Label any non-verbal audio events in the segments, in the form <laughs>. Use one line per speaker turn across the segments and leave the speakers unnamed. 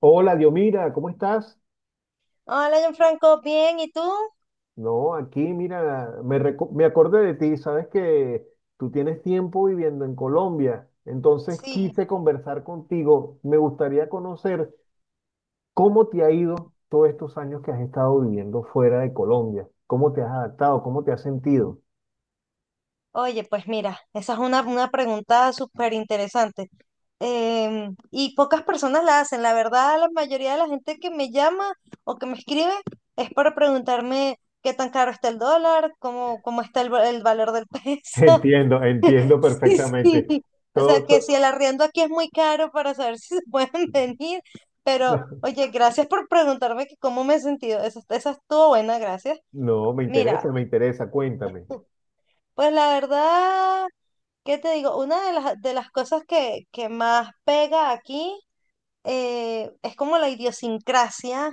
Hola, Diomira, ¿cómo estás?
Hola, Gianfranco, bien, ¿y tú?
No, aquí, mira, me acordé de ti, sabes que tú tienes tiempo viviendo en Colombia, entonces
Sí.
quise conversar contigo. Me gustaría conocer cómo te ha ido todos estos años que has estado viviendo fuera de Colombia, cómo te has adaptado, cómo te has sentido.
Oye, pues mira, esa es una pregunta súper interesante. Y pocas personas la hacen. La verdad, la mayoría de la gente que me llama o que me escribe es para preguntarme qué tan caro está el dólar, cómo está el valor del
<laughs>
peso.
Entiendo,
<laughs>
entiendo
Sí,
perfectamente.
sí. O sea,
Todo,
que si
todo-
el arriendo aquí es muy caro para saber si se pueden <laughs> venir. Pero,
<laughs>
oye, gracias por preguntarme que cómo me he sentido. Esa estuvo buena, gracias.
no,
Mira,
me interesa, cuéntame.
pues la verdad, ¿qué te digo? Una de las cosas que más pega aquí, es como la idiosincrasia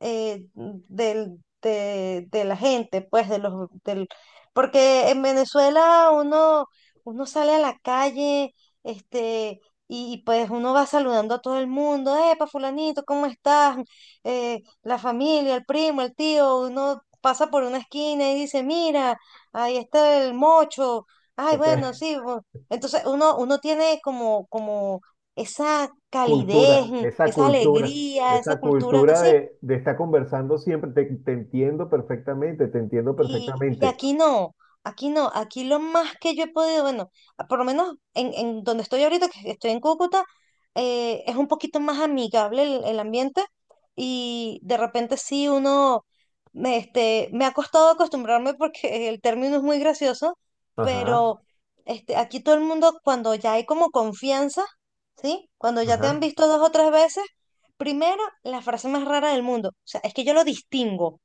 de la gente, pues, porque en Venezuela uno, uno sale a la calle, este, y pues uno va saludando a todo el mundo, epa, fulanito, ¿cómo estás? La familia, el primo, el tío, uno pasa por una esquina y dice, mira, ahí está el mocho, ay,
Ok.
bueno, sí, bu-". Entonces uno tiene como, como esa calidez,
Cultura, esa
esa
cultura,
alegría, esa
esa
cultura
cultura
así.
de, de estar conversando siempre, te entiendo perfectamente, te entiendo
Y
perfectamente.
aquí no, aquí no, aquí lo más que yo he podido, bueno, por lo menos en donde estoy ahorita, que estoy en Cúcuta. Es un poquito más amigable el ambiente y de repente sí uno, me ha costado acostumbrarme porque el término es muy gracioso,
Ajá,
pero, aquí todo el mundo cuando ya hay como confianza, ¿sí? Cuando ya te han
ajá.
visto 2 o 3 veces, primero la frase más rara del mundo, o sea, es que yo lo distingo.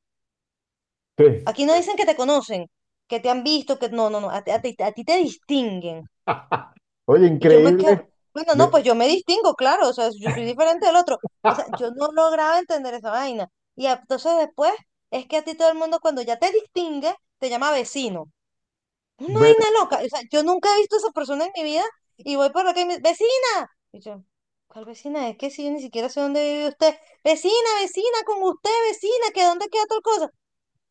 Sí.
Aquí no dicen que te conocen, que te han visto, que no, no, no, a ti te distinguen.
<laughs> Oye,
Y yo me quedo,
increíble.
bueno, no,
Me-
pues yo me distingo, claro, o sea, yo soy diferente del otro. O sea,
<laughs>
yo no lograba entender esa vaina. Entonces después es que a ti todo el mundo cuando ya te distingue, te llama vecino. Una
Bueno,
vaina loca. O sea, yo nunca he visto a esa persona en mi vida y voy por acá y me vecina. Y yo, ¿cuál vecina? Es que si yo ni siquiera sé dónde vive usted. Vecina, vecina, con usted, vecina, que dónde queda tal cosa.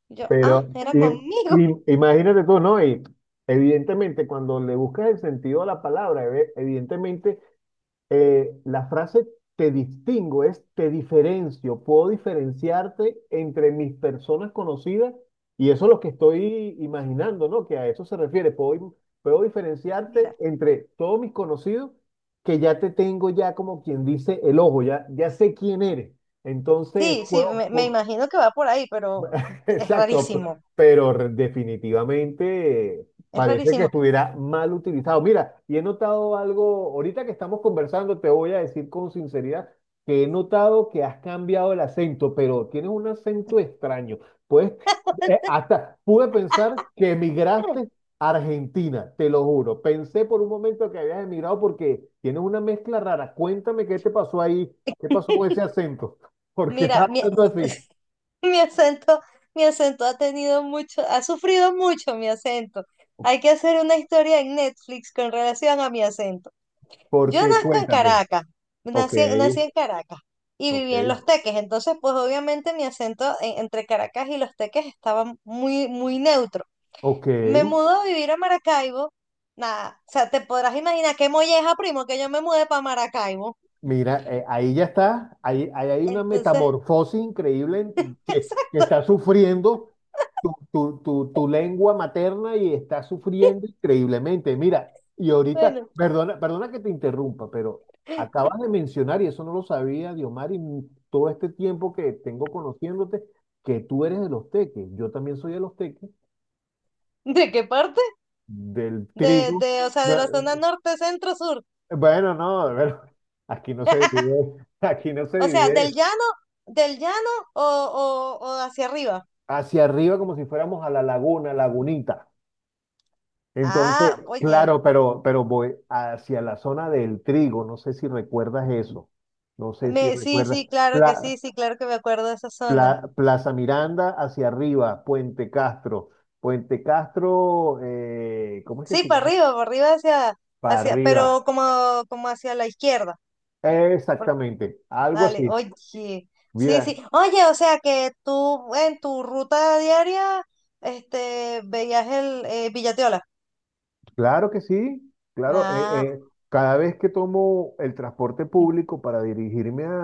Y yo, ah,
pero
era conmigo.
imagínate tú, ¿no? Y evidentemente, cuando le buscas el sentido a la palabra, evidentemente la frase te distingo es te diferencio, puedo diferenciarte entre mis personas conocidas y eso es lo que estoy imaginando, ¿no? Que a eso se refiere, puedo, puedo
<laughs>
diferenciarte
Mira.
entre todos mis conocidos que ya te tengo ya como quien dice el ojo, ya, ya sé quién eres. Entonces
Sí, sí,
puedo,
me
pu-
imagino que va por ahí, pero es
Exacto,
rarísimo,
pero definitivamente
es
parece que
rarísimo.
estuviera mal utilizado. Mira, y he notado algo, ahorita que estamos conversando, te voy a decir con sinceridad que he notado que has cambiado el acento, pero tienes un acento extraño. Pues hasta pude pensar que emigraste
<clears throat>
a Argentina, te lo juro. Pensé por un momento que habías emigrado porque tienes una mezcla rara. Cuéntame qué te pasó ahí, qué pasó con ese acento, <laughs> porque
Mira,
estás
mi,
hablando así,
<laughs> mi acento, mi acento ha tenido mucho, ha sufrido mucho mi acento. Hay que hacer una historia en Netflix con relación a mi acento. Yo
porque
nazco en
cuéntame.
Caracas,
Ok,
nací en Caracas y
ok,
viví en Los Teques, entonces pues obviamente mi acento entre Caracas y Los Teques estaba muy, muy neutro.
ok.
Me mudo a vivir a Maracaibo. Nada, o sea, te podrás imaginar qué molleja, primo, que yo me mudé para Maracaibo.
Mira, ahí ya está, ahí, ahí hay una
Entonces,
metamorfosis increíble
<laughs>
que
exacto.
está sufriendo tu lengua materna y está sufriendo increíblemente. Mira, y ahorita,
Bueno,
perdona, perdona que te interrumpa, pero acabas de mencionar, y eso no lo sabía, Diomar, todo este tiempo que tengo conociéndote, que tú eres de los teques, yo también soy de los teques,
¿de qué parte?
del trigo.
O sea, de la zona norte, centro, sur.
Bueno, no, bueno, <laughs> aquí no se divide, <laughs> aquí no se
O sea,
divide
del llano o hacia arriba.
hacia arriba como si fuéramos a la laguna, lagunita. Entonces,
Ah, oye,
claro, pero voy hacia la zona del trigo, no sé si recuerdas eso, no sé si
sí,
recuerdas.
sí, claro que sí,
Pla-
sí, claro que me acuerdo de esa zona.
Plaza Miranda hacia arriba, Puente Castro, Puente Castro, ¿cómo es que
Sí,
se llama?
para arriba hacia,
Para
pero
arriba,
como hacia la izquierda.
exactamente, algo
Dale,
así.
oye, sí,
Mira,
sí. Oye, o sea que tú en tu ruta diaria, veías el Villatiola.
claro que sí, claro.
Ah,
Cada vez que tomo el transporte público para dirigirme a,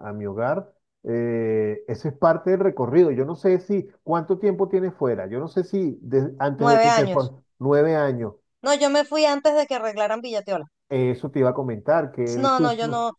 a- a mi hogar, eso es parte del recorrido. Yo no sé si cuánto tiempo tienes fuera. Yo no sé si de- antes de
nueve
que te fue
años.
9 años,
No, yo me fui antes de que arreglaran Villatiola.
eso te iba a comentar, que
No, no, yo no,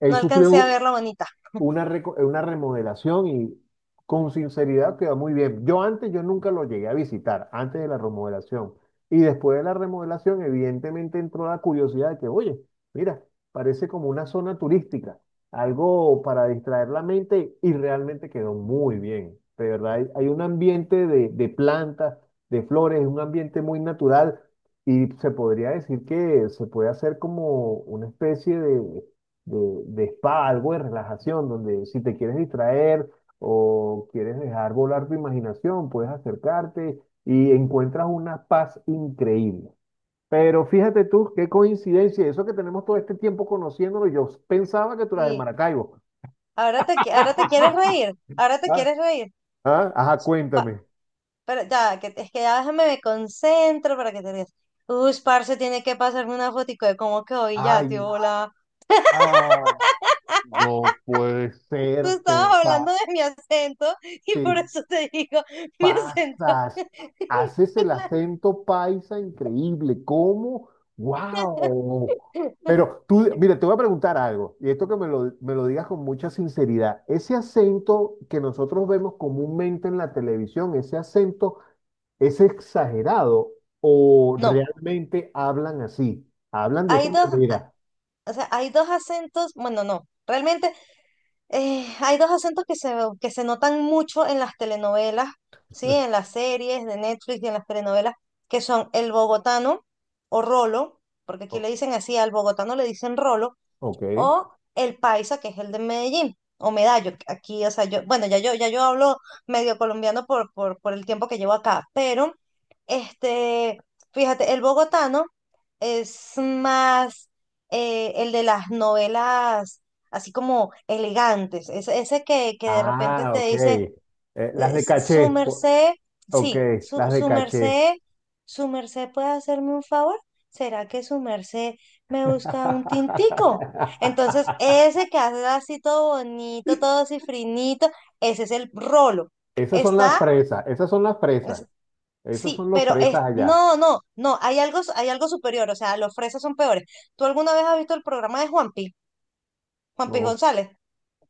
él
no alcancé a
sufrió
ver la bonita.
una, una remodelación y con sinceridad quedó muy bien. Yo antes, yo nunca lo llegué a visitar, antes de la remodelación. Y después de la remodelación, evidentemente entró la curiosidad de que, oye, mira, parece como una zona turística, algo para distraer la mente y realmente quedó muy bien. De verdad, hay un ambiente de plantas, de flores, un ambiente muy natural y se podría decir que se puede hacer como una especie de de, spa, algo de relajación, donde si te quieres distraer o quieres dejar volar tu imaginación, puedes acercarte y encuentras una paz increíble. Pero fíjate tú, qué coincidencia, eso que tenemos todo este tiempo conociéndolo, yo pensaba que tú eras de
Y
Maracaibo.
ahora te quieres reír,
<laughs>
ahora te
Ah,
quieres reír.
ah, ajá,
Pa-
cuéntame.
pero ya, que, es que ya déjame me concentro para que te rías. Uy, parce, tiene que pasarme una fotico de cómo quedó ya, tío,
Ay,
hola.
ah, no puede
Tú
ser,
estabas hablando de mi acento y
te
por eso te digo mi acento.
pasas, haces el
<laughs>
acento paisa increíble, ¿cómo? ¡Wow! Pero tú, mira, te voy a preguntar algo, y esto que me lo digas con mucha sinceridad, ese acento que nosotros vemos comúnmente en la televisión, ese acento es exagerado o
No,
realmente hablan así, hablan de esa
hay dos,
manera.
o sea, hay dos acentos, bueno, no, realmente hay dos acentos que se notan mucho en las telenovelas, ¿sí? En las series de Netflix y en las telenovelas, que, son el bogotano o rolo, porque aquí
O-
le dicen así, al bogotano le dicen rolo,
Ok.
o el paisa, que es el de Medellín, o Medallo, que aquí, o sea, yo, bueno, ya yo, ya yo hablo medio colombiano por el tiempo que llevo acá, pero, este, fíjate, el bogotano es más, el de las novelas, así como elegantes, ese que de repente
Ah,
te
ok.
dice,
Las de
su
caché. O-
merced.
Ok,
Sí, su,
las de
su
caché.
merced, su merced puede hacerme un favor. ¿Será que su merced me busca un tintico? Entonces,
<laughs>
ese que hace así todo bonito, todo cifrinito, ese es el rolo.
Esas son las
Está,
fresas, esas son las
es-
fresas, esos
sí,
son los
pero es,
fresas allá.
no, no, no, hay algo superior, o sea, los fresas son peores. ¿Tú alguna vez has visto el programa de Juanpi, Juanpi
No,
González?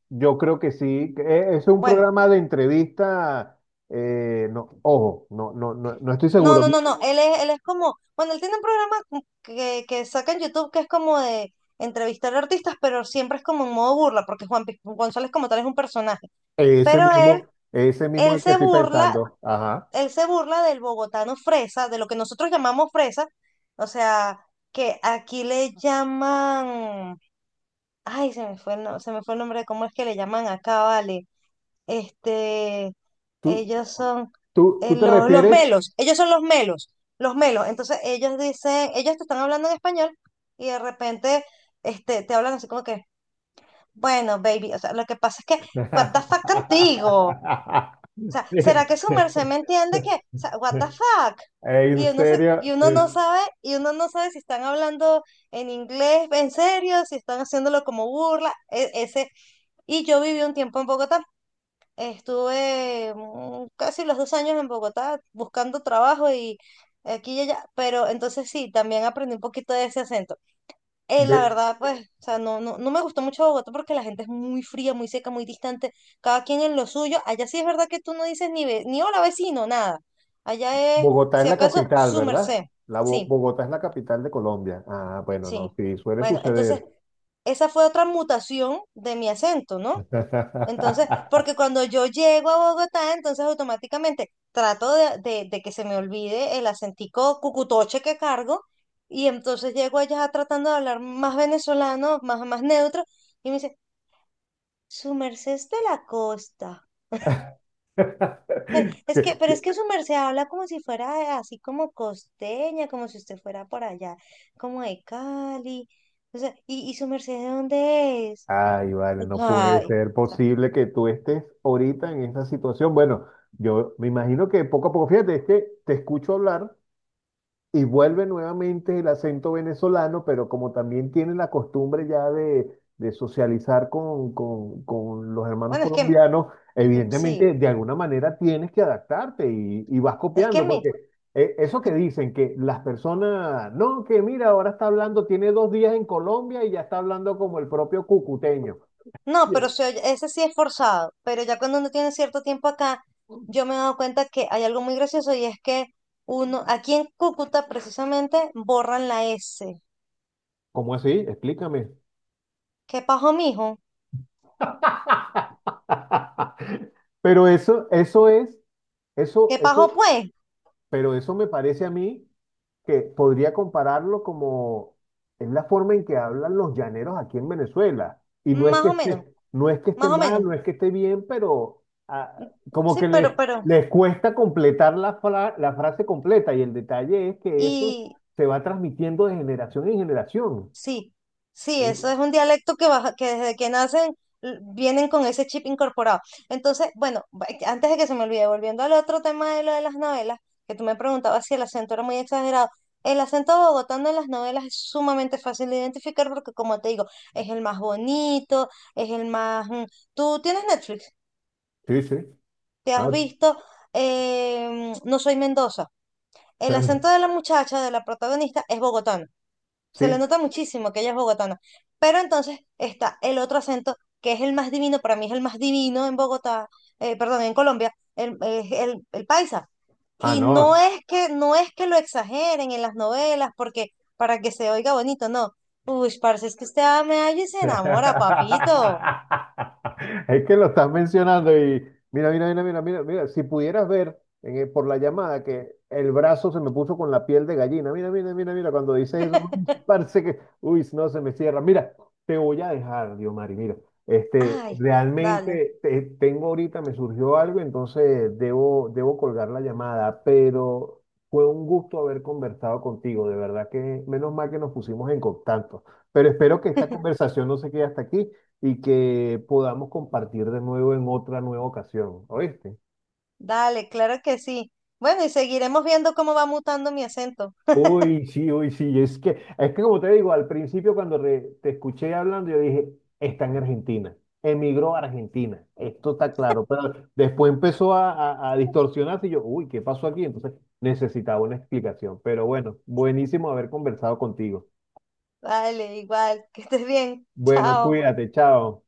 yo creo que sí, que es un
Bueno.
programa de entrevista, no, ojo, no, no, no, no estoy
No,
seguro.
no, no, no. Él es como, bueno, él tiene un programa como que saca en YouTube que es como de entrevistar artistas, pero siempre es como en modo burla, porque Juan Pi- González como tal es un personaje. Pero él,
Ese mismo es
él
el que
se
estoy
burla,
pensando. Ajá.
él se burla del bogotano fresa, de lo que nosotros llamamos fresa, o sea, que aquí le llaman, ay, se me fue el nombre de cómo es que le llaman acá, vale. Este,
¿Tú,
ellos son,
¿tú te
los
refieres?
melos, ellos son los melos, los melos. Entonces ellos dicen, ellos te están hablando en español y de repente, te hablan así como que, bueno, baby, o sea, lo que pasa es que, what the fuck contigo.
<laughs>
O sea,
Sí.
¿será que su merced me entiende que, o
<laughs>
sea, what the fuck?
En
Y uno, se-
serio,
y uno no sabe, y uno no sabe si están hablando en inglés, en serio, si están haciéndolo como burla, ese. Y yo viví un tiempo en Bogotá. Estuve casi los 2 años en Bogotá buscando trabajo y aquí y allá, pero entonces sí, también aprendí un poquito de ese acento. La
ve-
verdad, pues, o sea, no, no, no me gustó mucho Bogotá porque la gente es muy fría, muy seca, muy distante, cada quien en lo suyo. Allá sí es verdad que tú no dices ni, ni hola vecino, nada. Allá es,
Bogotá es
si
la
acaso,
capital,
su
¿verdad?
merced.
La
Sí,
Bogotá es la capital de Colombia. Ah, bueno,
sí.
no, sí, suele
Bueno, entonces,
suceder.
esa fue otra mutación de mi acento, ¿no? Entonces,
<laughs>
porque cuando yo llego a Bogotá, entonces automáticamente trato de que se me olvide el acentico cucutoche que cargo y entonces llego allá tratando de hablar más venezolano, más neutro y me dice, su merced es de la costa. Es que, pero es que su merced habla como si fuera así como costeña, como si usted fuera por allá, como de Cali. O sea, y su merced de dónde es?
Ay, vale, no puede
Ay, o
ser
sea,
posible que tú estés ahorita en esa situación. Bueno, yo me imagino que poco a poco, fíjate, es que te escucho hablar y vuelve nuevamente el acento venezolano, pero como también tiene la costumbre ya de socializar con, con los hermanos
bueno, es que
colombianos,
sí,
evidentemente de alguna manera tienes que adaptarte y vas
es que
copiando,
mi.
porque eso que dicen que las personas, no, que mira, ahora está hablando, tiene 2 días en Colombia y ya está hablando como el propio cucuteño.
No,
Bien.
pero se oye- ese sí es forzado, pero ya cuando uno tiene cierto tiempo acá, yo me he dado cuenta que hay algo muy gracioso y es que uno, aquí en Cúcuta precisamente, borran la S.
¿Cómo así? Explícame.
¿Qué pajo, mijo?
<laughs> Pero eso es, eso,
¿Qué
eso
pajo, pues?
pero eso me parece a mí que podría compararlo como es la forma en que hablan los llaneros aquí en Venezuela. Y no es
Más
que
o
esté,
menos,
no es que esté
más o
mal,
menos.
no es que esté bien, pero ah, como que
Sí,
les, les cuesta completar la frase completa. Y el detalle es que eso
y
se va transmitiendo de generación en generación.
sí, sí, eso es un dialecto que, que desde que nacen, vienen con ese chip incorporado. Entonces, bueno, antes de que se me olvide, volviendo al otro tema de lo de las novelas, que tú me preguntabas si el acento era muy exagerado. El acento bogotano en las novelas es sumamente fácil de identificar porque, como te digo, es el más bonito, es el más... mm. Tú tienes Netflix,
Sí, sí.
te
Ah,
has visto, No soy Mendoza. El
claro.
acento de la muchacha, de la protagonista, es bogotano, se le
Sí.
nota muchísimo que ella es bogotana. Pero entonces está el otro acento que es el más divino, para mí es el más divino en Bogotá, perdón, en Colombia, el, es el paisa.
Ah,
Y no
no.
es que, no es que lo exageren en las novelas, porque para que se oiga bonito, no. Uy, parce, es que usted me halla y se enamora,
<laughs>
papito.
Es que lo estás mencionando y mira, mira, mira, mira, mira, mira, si pudieras ver en el- por la llamada que el brazo se me puso con la piel de gallina. Mira, mira, mira, mira, cuando dices eso, <laughs> uy, parece que, uy, no se me cierra. Mira, te voy a dejar, Diomari, mira, este,
Ay, dale,
tengo ahorita, me surgió algo, entonces debo, debo colgar la llamada, pero fue un gusto haber conversado contigo, de verdad que menos mal que nos pusimos en contacto. Pero espero que esta
<laughs>
conversación no se quede hasta aquí y que podamos compartir de nuevo en otra nueva ocasión, ¿oíste?
dale, claro que sí. Bueno, y seguiremos viendo cómo va mutando mi acento.
Uy, sí, es que como te digo, al principio cuando te escuché hablando, yo dije, está en Argentina, emigró a Argentina, esto está claro, pero después empezó a distorsionarse y yo, uy, ¿qué pasó aquí? Entonces necesitaba una explicación, pero bueno, buenísimo haber conversado contigo.
Dale, igual, que estés bien.
Bueno,
Chao.
cuídate, chao.